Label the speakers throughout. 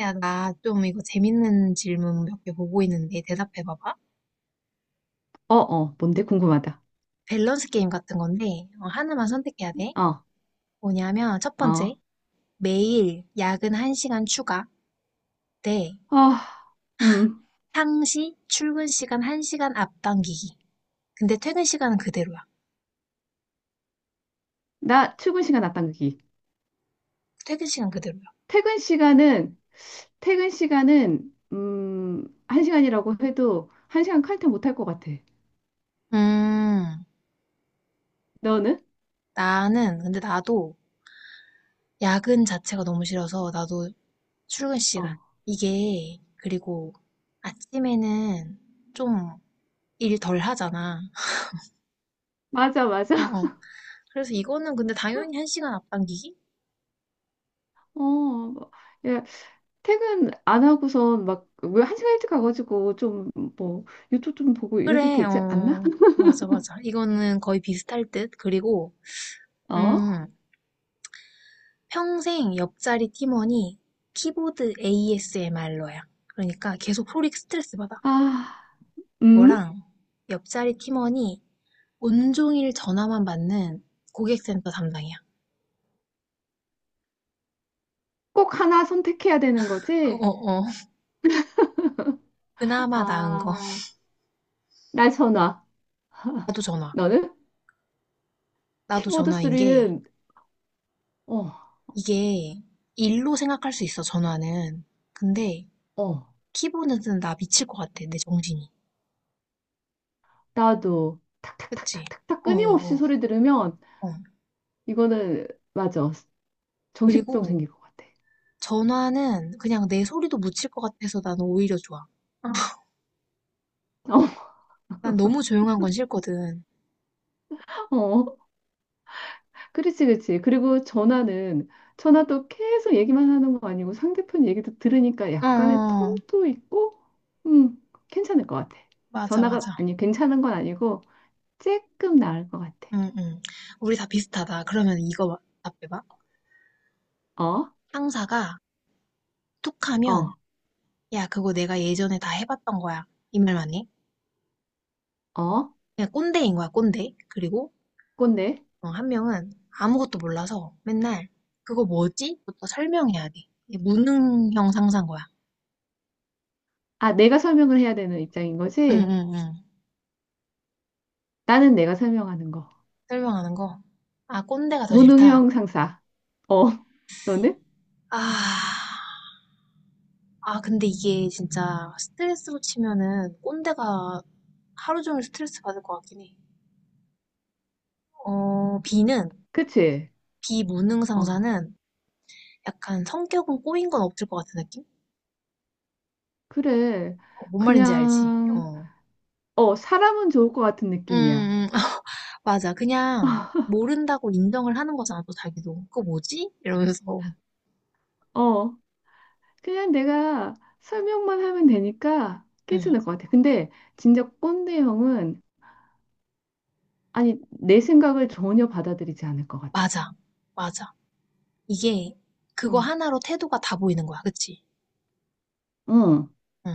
Speaker 1: 야, 나 좀 이거 재밌는 질문 몇 개 보고 있는데 대답해 봐봐.
Speaker 2: 어, 어, 뭔데? 궁금하다.
Speaker 1: 밸런스 게임 같은 건데 어, 하나만 선택해야 돼.
Speaker 2: 어,
Speaker 1: 뭐냐면 첫
Speaker 2: 어,
Speaker 1: 번째, 매일 야근 1시간 추가 대
Speaker 2: 아, 음,
Speaker 1: 상시 출근 시간 1시간 앞당기기. 근데 퇴근 시간은 그대로야.
Speaker 2: 나 출근 시간 앞당기기.
Speaker 1: 퇴근 시간 그대로야.
Speaker 2: 퇴근 시간은, 퇴근 시간은, 한 시간이라고 해도 한 시간 칼퇴 못 할 것 같아.
Speaker 1: 음,
Speaker 2: 너는?
Speaker 1: 나는 근데 나도 야근 자체가 너무 싫어서 나도 출근
Speaker 2: 어,
Speaker 1: 시간. 이게 그리고 아침에는 좀 일 덜 하잖아.
Speaker 2: 맞아,
Speaker 1: 어,
Speaker 2: 맞아.
Speaker 1: 어. 그래서 이거는 근데 당연히 한 시간 앞당기기?
Speaker 2: 어, 뭐, 야, 퇴근 안 하고선 막, 왜 한 시간 일찍 가가지고 좀, 뭐, 유튜브 좀 보고 이래도
Speaker 1: 그래,
Speaker 2: 되지 않나?
Speaker 1: 어, 맞아, 맞아. 이거는 거의 비슷할 듯. 그리고,
Speaker 2: 어?
Speaker 1: 음, 평생 옆자리 팀원이 키보드 ASMR러야. 그러니까 계속 소리 스트레스 받아.
Speaker 2: 아, 음?
Speaker 1: 그거랑 옆자리 팀원이 온종일 전화만 받는 고객센터 담당이야.
Speaker 2: 꼭 하나 선택해야 되는
Speaker 1: 어,
Speaker 2: 거지?
Speaker 1: 어, 어. 그나마 나은 거.
Speaker 2: 아, 나 전화.
Speaker 1: 나도 전화.
Speaker 2: 나는
Speaker 1: 나도
Speaker 2: 키보드
Speaker 1: 전화인 게,
Speaker 2: 소리는, 어,
Speaker 1: 이게 일로 생각할 수 있어, 전화는. 근데
Speaker 2: 어,
Speaker 1: 키보드는 나 미칠 것 같아, 내 정신이.
Speaker 2: 나도
Speaker 1: 그치?
Speaker 2: 탁탁탁탁탁탁
Speaker 1: 어어어.
Speaker 2: 끊임없이
Speaker 1: 어.
Speaker 2: 소리 들으면
Speaker 1: 어. 어.
Speaker 2: 이거는, 맞아, 정신병
Speaker 1: 그리고
Speaker 2: 생길 것 같아.
Speaker 1: 전화는 그냥 내 소리도 묻힐 것 같아서 나는 오히려 좋아. 어. 난 너무 조용한 건 싫거든.
Speaker 2: 어, 어, 그렇지, 그렇지. 그리고 전화는, 전화도 계속 얘기만 하는 거 아니고 상대편 얘기도 들으니까
Speaker 1: 어,
Speaker 2: 약간의
Speaker 1: 어,
Speaker 2: 텀도 있고, 음, 괜찮을 것 같아.
Speaker 1: 맞아,
Speaker 2: 전화가,
Speaker 1: 맞아.
Speaker 2: 아니, 괜찮은 건 아니고 조금 나을 것 같아.
Speaker 1: 응, 응. 우리 다 비슷하다. 그러면 이거 답해봐.
Speaker 2: 어,
Speaker 1: 상사가 툭 하면,
Speaker 2: 어,
Speaker 1: 야, 그거 내가 예전에 다 해봤던 거야. 이 말만 해.
Speaker 2: 어,
Speaker 1: 그냥 꼰대인 거야, 꼰대. 그리고
Speaker 2: 꼰대.
Speaker 1: 어, 한 명은 아무것도 몰라서 맨날 그거 뭐지? 부터 설명해야 돼. 이게 무능형 상사인 거야.
Speaker 2: 아, 내가 설명을 해야 되는 입장인 거지?
Speaker 1: 응응응.
Speaker 2: 나는 내가 설명하는 거.
Speaker 1: 설명하는 거. 아, 꼰대가 더 싫다.
Speaker 2: 무능형 상사. 어, 너는?
Speaker 1: 아, 아, 근데 이게 진짜 스트레스로 치면은 꼰대가 하루 종일 스트레스 받을 것 같긴 해. 어,
Speaker 2: 그치?
Speaker 1: 비무능
Speaker 2: 어,
Speaker 1: 상사는 약간 성격은 꼬인 건 없을 것 같은 느낌?
Speaker 2: 그래.
Speaker 1: 어, 뭔 말인지 알지?
Speaker 2: 그냥,
Speaker 1: 어.
Speaker 2: 어, 사람은 좋을 것 같은 느낌이야.
Speaker 1: 음, 맞아. 그냥 모른다고 인정을 하는 거잖아, 또 자기도. 그거 뭐지? 이러면서.
Speaker 2: 어, 그냥 내가 설명만 하면 되니까
Speaker 1: 응,
Speaker 2: 괜찮을 것 같아. 근데 진짜 꼰대 형은, 아니, 내 생각을 전혀 받아들이지 않을 것 같아.
Speaker 1: 맞아. 맞아. 이게
Speaker 2: 어,
Speaker 1: 그거 하나로 태도가 다 보이는 거야. 그치?
Speaker 2: 응.
Speaker 1: 응,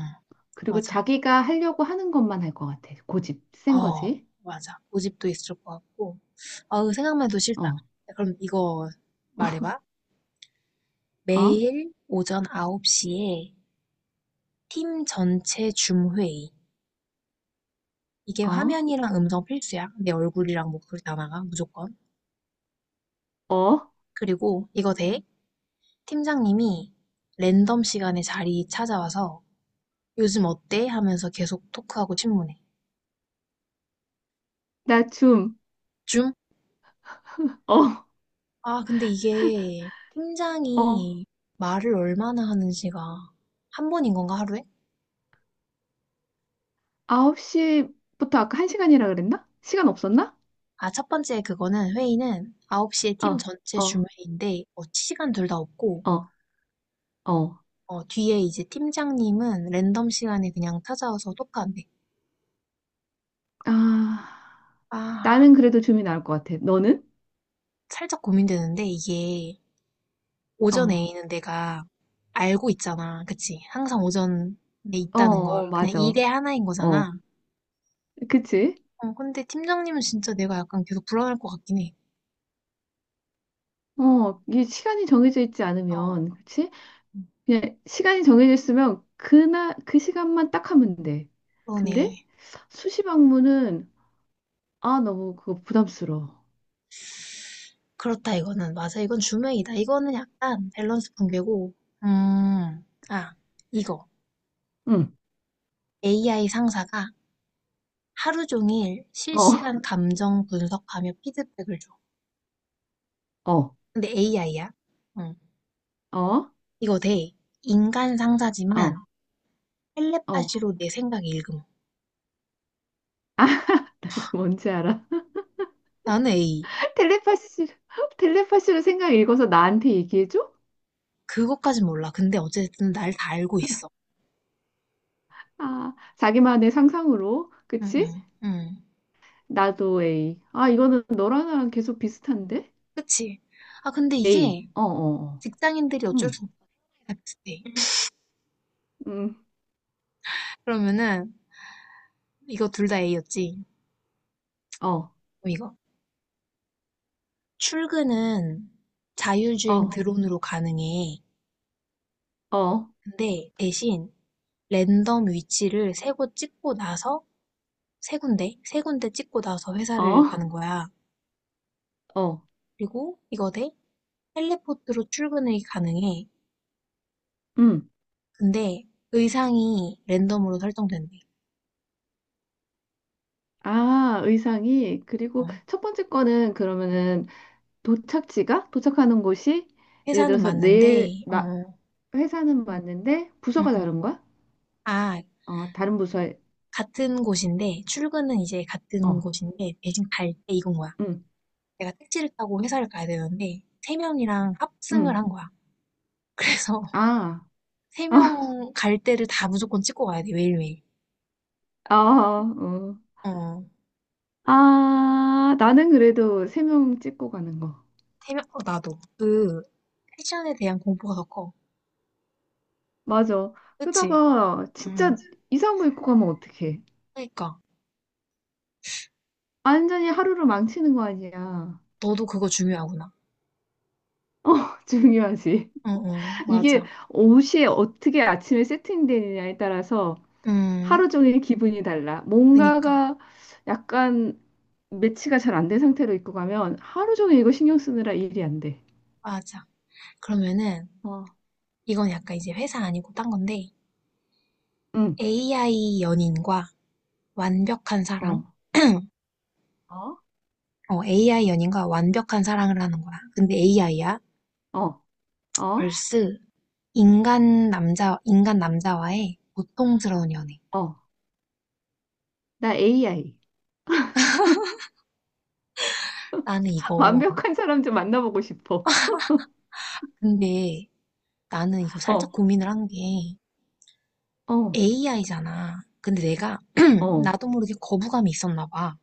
Speaker 2: 그리고
Speaker 1: 맞아.
Speaker 2: 자기가 하려고 하는 것만 할 것 같아. 고집 센
Speaker 1: 어,
Speaker 2: 거지?
Speaker 1: 맞아. 고집도 있을 것 같고. 어우, 생각만 해도 싫다. 야,
Speaker 2: 어,
Speaker 1: 그럼 이거 말해봐.
Speaker 2: 어,
Speaker 1: 매일 오전 9시에 팀 전체 줌회의. 이게
Speaker 2: 어,
Speaker 1: 화면이랑 음성 필수야. 내 얼굴이랑 목소리 다 나가, 무조건.
Speaker 2: 어,
Speaker 1: 그리고 이거 돼. 팀장님이 랜덤 시간에 자리 찾아와서 요즘 어때? 하면서 계속 토크하고 질문해.
Speaker 2: 나 춤.
Speaker 1: 줌?
Speaker 2: 어,
Speaker 1: 아, 근데 이게
Speaker 2: 어.
Speaker 1: 팀장이 말을 얼마나 하는지가 한 번인 건가, 하루에?
Speaker 2: 9시부터 아까 1시간이라 그랬나? 시간 없었나?
Speaker 1: 아, 첫 번째 그거는 회의는 9시에 팀
Speaker 2: 어,
Speaker 1: 전체 줌
Speaker 2: 어,
Speaker 1: 회의인데, 어, 시간 둘 다 없고,
Speaker 2: 어, 어.
Speaker 1: 어, 뒤에 이제 팀장님은 랜덤 시간에 그냥 찾아와서 토크한대.
Speaker 2: 아,
Speaker 1: 아,
Speaker 2: 나는 그래도 줌이 나을 것 같아. 너는?
Speaker 1: 살짝 고민되는데, 이게 오전
Speaker 2: 어,
Speaker 1: A는 내가 알고 있잖아. 그치? 항상 오전에
Speaker 2: 어,
Speaker 1: 있다는 걸.
Speaker 2: 어,
Speaker 1: 그냥
Speaker 2: 맞아.
Speaker 1: 일의 하나인
Speaker 2: 어,
Speaker 1: 거잖아.
Speaker 2: 그치?
Speaker 1: 어, 근데 팀장님은 진짜 내가 약간 계속 불안할 것 같긴 해.
Speaker 2: 어, 이게 시간이 정해져 있지 않으면, 그치?
Speaker 1: 음,
Speaker 2: 그냥 시간이 정해져 있으면 그날, 그 시간만 딱 하면 돼. 근데
Speaker 1: 그러네.
Speaker 2: 수시 방문은, 아, 너무 그거 부담스러워.
Speaker 1: 그렇다, 이거는. 맞아, 이건 주웨이다 이거는 약간 밸런스 붕괴고. 음, 아, 이거.
Speaker 2: 응,
Speaker 1: AI 상사가 하루 종일
Speaker 2: 어,
Speaker 1: 실시간 감정 분석하며 피드백을 줘.
Speaker 2: 어,
Speaker 1: 근데 AI야. 응.
Speaker 2: 어,
Speaker 1: 이거 돼. 인간 상사지만
Speaker 2: 어, 어.
Speaker 1: 텔레파시로 내 생각 읽음.
Speaker 2: 이거 뭔지 알아?
Speaker 1: 나는 A.
Speaker 2: 텔레파시, 텔레파시로 생각 읽어서 나한테 얘기해줘?
Speaker 1: 그것까진 몰라. 근데 어쨌든 날 다 알고 있어.
Speaker 2: 아, 자기만의 상상으로.
Speaker 1: 응,
Speaker 2: 그치?
Speaker 1: 응, 응.
Speaker 2: 나도 A. 아, 이거는 너랑 나랑 계속 비슷한데?
Speaker 1: 그치? 아, 근데
Speaker 2: A.
Speaker 1: 이게
Speaker 2: 어, 어, 어.
Speaker 1: 직장인들이 어쩔
Speaker 2: 음,
Speaker 1: 수 없다. 비슷해.
Speaker 2: 음,
Speaker 1: 그러면은, 이거 둘 다 A였지?
Speaker 2: 어,
Speaker 1: 그럼 이거. 출근은 자율주행
Speaker 2: 어,
Speaker 1: 드론으로 가능해.
Speaker 2: 어,
Speaker 1: 근데 대신 랜덤 위치를 세 곳 찍고 나서, 세 군데? 세 군데 찍고 나서 회사를
Speaker 2: 어,
Speaker 1: 가는 거야.
Speaker 2: 어,
Speaker 1: 그리고 이거 대 텔레포트로 출근이 가능해.
Speaker 2: 음.
Speaker 1: 근데 의상이 랜덤으로 설정된대.
Speaker 2: 아, 의상이. 그리고
Speaker 1: 어.
Speaker 2: 첫 번째 거는 그러면은 도착지가? 도착하는 곳이 예를
Speaker 1: 회사는
Speaker 2: 들어서
Speaker 1: 맞는데,
Speaker 2: 나,
Speaker 1: 어,
Speaker 2: 회사는 맞는데
Speaker 1: 음,
Speaker 2: 부서가
Speaker 1: 음.
Speaker 2: 다른 거야?
Speaker 1: 아,
Speaker 2: 어, 다른 부서에,
Speaker 1: 같은
Speaker 2: 어,
Speaker 1: 곳인데, 대신 갈 때 이건 거야.
Speaker 2: 음,
Speaker 1: 내가 택시를 타고 회사를 가야 되는데, 세 명이랑 합승을 한
Speaker 2: 음.
Speaker 1: 거야. 그래서
Speaker 2: 아.
Speaker 1: 세 명 갈 때를 다 무조건 찍고 가야 돼, 매일매일.
Speaker 2: 아, 어.
Speaker 1: 어,
Speaker 2: 아, 나는 그래도 세 명 찍고 가는 거.
Speaker 1: 세 명, 어, 나도. 그, 패션에 대한 공포가 더 커.
Speaker 2: 맞아.
Speaker 1: 그치?
Speaker 2: 그러다가
Speaker 1: 음,
Speaker 2: 진짜 이상한 거 입고 가면 어떡해.
Speaker 1: 그니까.
Speaker 2: 완전히 하루를 망치는 거 아니야.
Speaker 1: 너도 그거 중요하구나.
Speaker 2: 어, 중요하지.
Speaker 1: 어, 어, 맞아.
Speaker 2: 이게 옷이 어떻게 아침에 세팅되느냐에 따라서 하루
Speaker 1: 음,
Speaker 2: 종일 기분이 달라.
Speaker 1: 그니까.
Speaker 2: 뭔가가 약간 매치가 잘 안 된 상태로 입고 가면 하루 종일 이거 신경 쓰느라 일이 안 돼.
Speaker 1: 맞아. 그러면은,
Speaker 2: 어,
Speaker 1: 이건 약간 이제 회사 아니고 딴 건데,
Speaker 2: 응,
Speaker 1: AI 연인과 완벽한 사랑?
Speaker 2: 어, 어,
Speaker 1: 어, AI 연인과 완벽한 사랑을 하는 거야. 근데 AI야?
Speaker 2: 어, 어,
Speaker 1: vs 인간 남자, 인간 남자와의 고통스러운 연애.
Speaker 2: 어. 나 AI.
Speaker 1: 나는 이거,
Speaker 2: 완벽한 사람 좀 만나보고 싶어.
Speaker 1: 근데 나는 이거 살짝
Speaker 2: 어,
Speaker 1: 고민을 한 게
Speaker 2: 어,
Speaker 1: AI잖아. 근데 내가
Speaker 2: 어.
Speaker 1: 나도 모르게 거부감이 있었나 봐.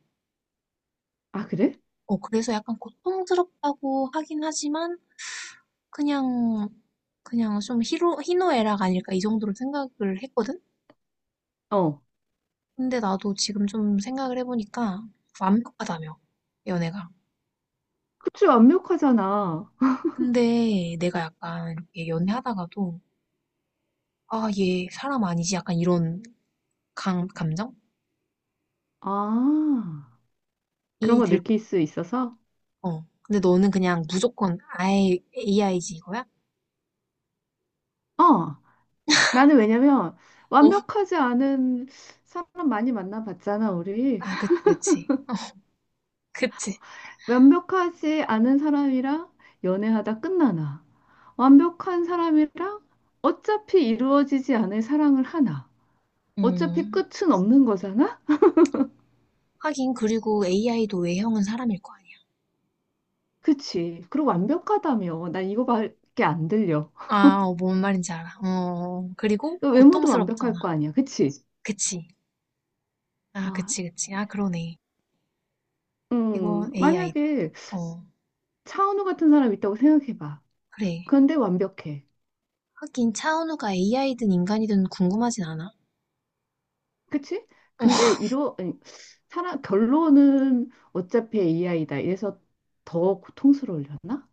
Speaker 2: 아, 그래?
Speaker 1: 어, 그래서 약간 고통스럽다고 하긴 하지만 그냥, 그냥 좀 희노애락 아닐까 이 정도로 생각을 했거든?
Speaker 2: 어.
Speaker 1: 근데 나도 지금 좀 생각을 해보니까 완벽하다며, 연애가.
Speaker 2: 그치, 완벽하잖아.
Speaker 1: 근데 내가 약간 이렇게 연애하다가도, 아, 얘 사람 아니지? 약간 이런 감정이
Speaker 2: 아, 그런 거
Speaker 1: 들,
Speaker 2: 느낄 수 있어서?
Speaker 1: 어. 근데 너는 그냥 무조건 아예 AI지 이거야?
Speaker 2: 어. 나는 왜냐면,
Speaker 1: 어,
Speaker 2: 완벽하지 않은 사람 많이 만나봤잖아, 우리.
Speaker 1: 아, 그치, 그치. 그치.
Speaker 2: 완벽하지 않은 사람이랑 연애하다 끝나나. 완벽한 사람이랑 어차피 이루어지지 않을 사랑을 하나. 어차피
Speaker 1: 음,
Speaker 2: 끝은 없는 거잖아?
Speaker 1: 하긴, 그리고 AI도 외형은 사람일 거 아니야.
Speaker 2: 그치. 그리고 완벽하다며. 난 이거밖에 안 들려.
Speaker 1: 아, 어, 뭔 말인지 알아. 어, 그리고
Speaker 2: 그 외모도
Speaker 1: 고통스럽잖아.
Speaker 2: 완벽할 거 아니야, 그치?
Speaker 1: 그치. 아,
Speaker 2: 아,
Speaker 1: 그치, 그치. 아, 그러네. 이거 AI다.
Speaker 2: 만약에
Speaker 1: 어,
Speaker 2: 차은우 같은 사람 있다고 생각해봐.
Speaker 1: 그래.
Speaker 2: 그런데 완벽해,
Speaker 1: 하긴 차은우가 AI든 인간이든 궁금하진 않아.
Speaker 2: 그치? 근데 이러, 아니, 사람, 결론은 어차피 AI다. 이래서 더 고통스러울려나.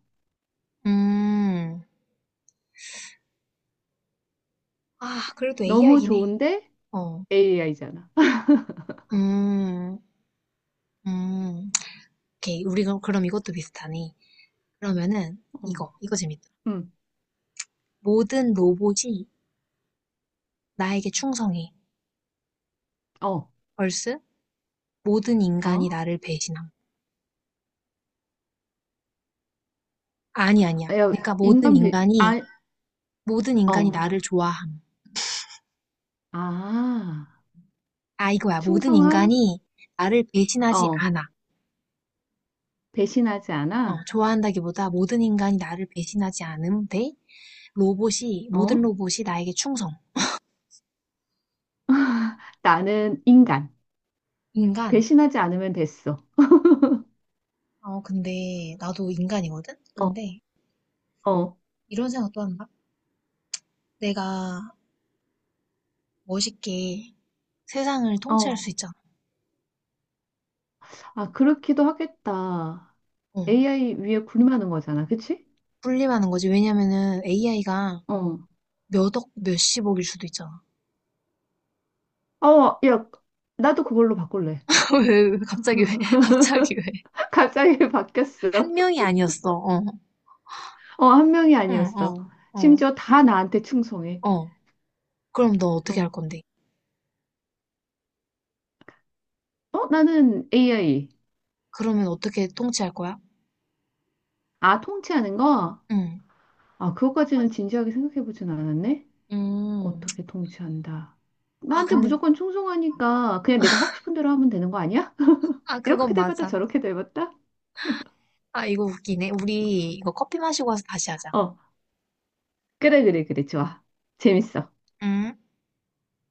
Speaker 1: 음, 아, 그래도
Speaker 2: 너무
Speaker 1: AI긴 해.
Speaker 2: 좋은데
Speaker 1: 어,
Speaker 2: AI잖아.
Speaker 1: 음, 음. 오케이, 우리 가 그럼 이것도 비슷하네. 그러면은
Speaker 2: 어,
Speaker 1: 이거, 이거 재밌다.
Speaker 2: 음,
Speaker 1: 모든 로봇이 나에게 충성해.
Speaker 2: 어,
Speaker 1: 벌스? 모든
Speaker 2: 어?
Speaker 1: 인간이 나를 배신함. 아니, 아니야.
Speaker 2: 야,
Speaker 1: 그러니까 모든 인간이,
Speaker 2: 아,
Speaker 1: 모든 인간이
Speaker 2: 어,
Speaker 1: 나를 좋아함.
Speaker 2: 아,
Speaker 1: 아, 이거야. 모든
Speaker 2: 충성함,
Speaker 1: 인간이 나를 배신하지
Speaker 2: 어,
Speaker 1: 않아.
Speaker 2: 배신하지
Speaker 1: 어,
Speaker 2: 않아,
Speaker 1: 좋아한다기보다 모든 인간이 나를 배신하지 않음 대 로봇이, 모든
Speaker 2: 어?
Speaker 1: 로봇이 나에게 충성.
Speaker 2: 나는 인간.
Speaker 1: 인간.
Speaker 2: 배신하지 않으면 됐어.
Speaker 1: 어, 근데 나도 인간이거든?
Speaker 2: 어,
Speaker 1: 근데
Speaker 2: 어,
Speaker 1: 이런 생각도 한다. 내가 멋있게 세상을 통치할 수
Speaker 2: 어.
Speaker 1: 있잖아.
Speaker 2: 아, 그렇기도 하겠다.
Speaker 1: 어,
Speaker 2: AI 위에 군림하는 거잖아, 그치?
Speaker 1: 군림하는 거지. 왜냐면은 AI가
Speaker 2: 어.
Speaker 1: 몇 억, 몇십억일 수도 있잖아.
Speaker 2: 어, 야, 나도 그걸로 바꿀래.
Speaker 1: 왜, 왜, 갑자기 왜, 갑자기 왜.
Speaker 2: 갑자기 바뀌었어.
Speaker 1: 한 명이 아니었어. 어,
Speaker 2: 어, 한 명이
Speaker 1: 응,
Speaker 2: 아니었어.
Speaker 1: 어, 어,
Speaker 2: 심지어 다 나한테 충성해.
Speaker 1: 어. 그럼 너 어떻게
Speaker 2: 어,
Speaker 1: 할 건데?
Speaker 2: 어, 나는 AI.
Speaker 1: 그러면 어떻게 통치할 거야?
Speaker 2: 아, 통치하는 거?
Speaker 1: 응.
Speaker 2: 아, 그것까지는 진지하게 생각해보진 않았네.
Speaker 1: 음.
Speaker 2: 어떻게 통치한다.
Speaker 1: 아,
Speaker 2: 나한테
Speaker 1: 근데,
Speaker 2: 무조건 충성하니까 그냥 내가 하고 싶은 대로 하면 되는 거 아니야?
Speaker 1: 아,
Speaker 2: 이렇게
Speaker 1: 그건
Speaker 2: 돼봤다
Speaker 1: 맞아.
Speaker 2: 저렇게 돼봤다?
Speaker 1: 아, 이거 웃기네. 우리 이거 커피 마시고 와서 다시 하자.
Speaker 2: 어, 그래, 그래, 그래. 좋아. 재밌어.
Speaker 1: 음.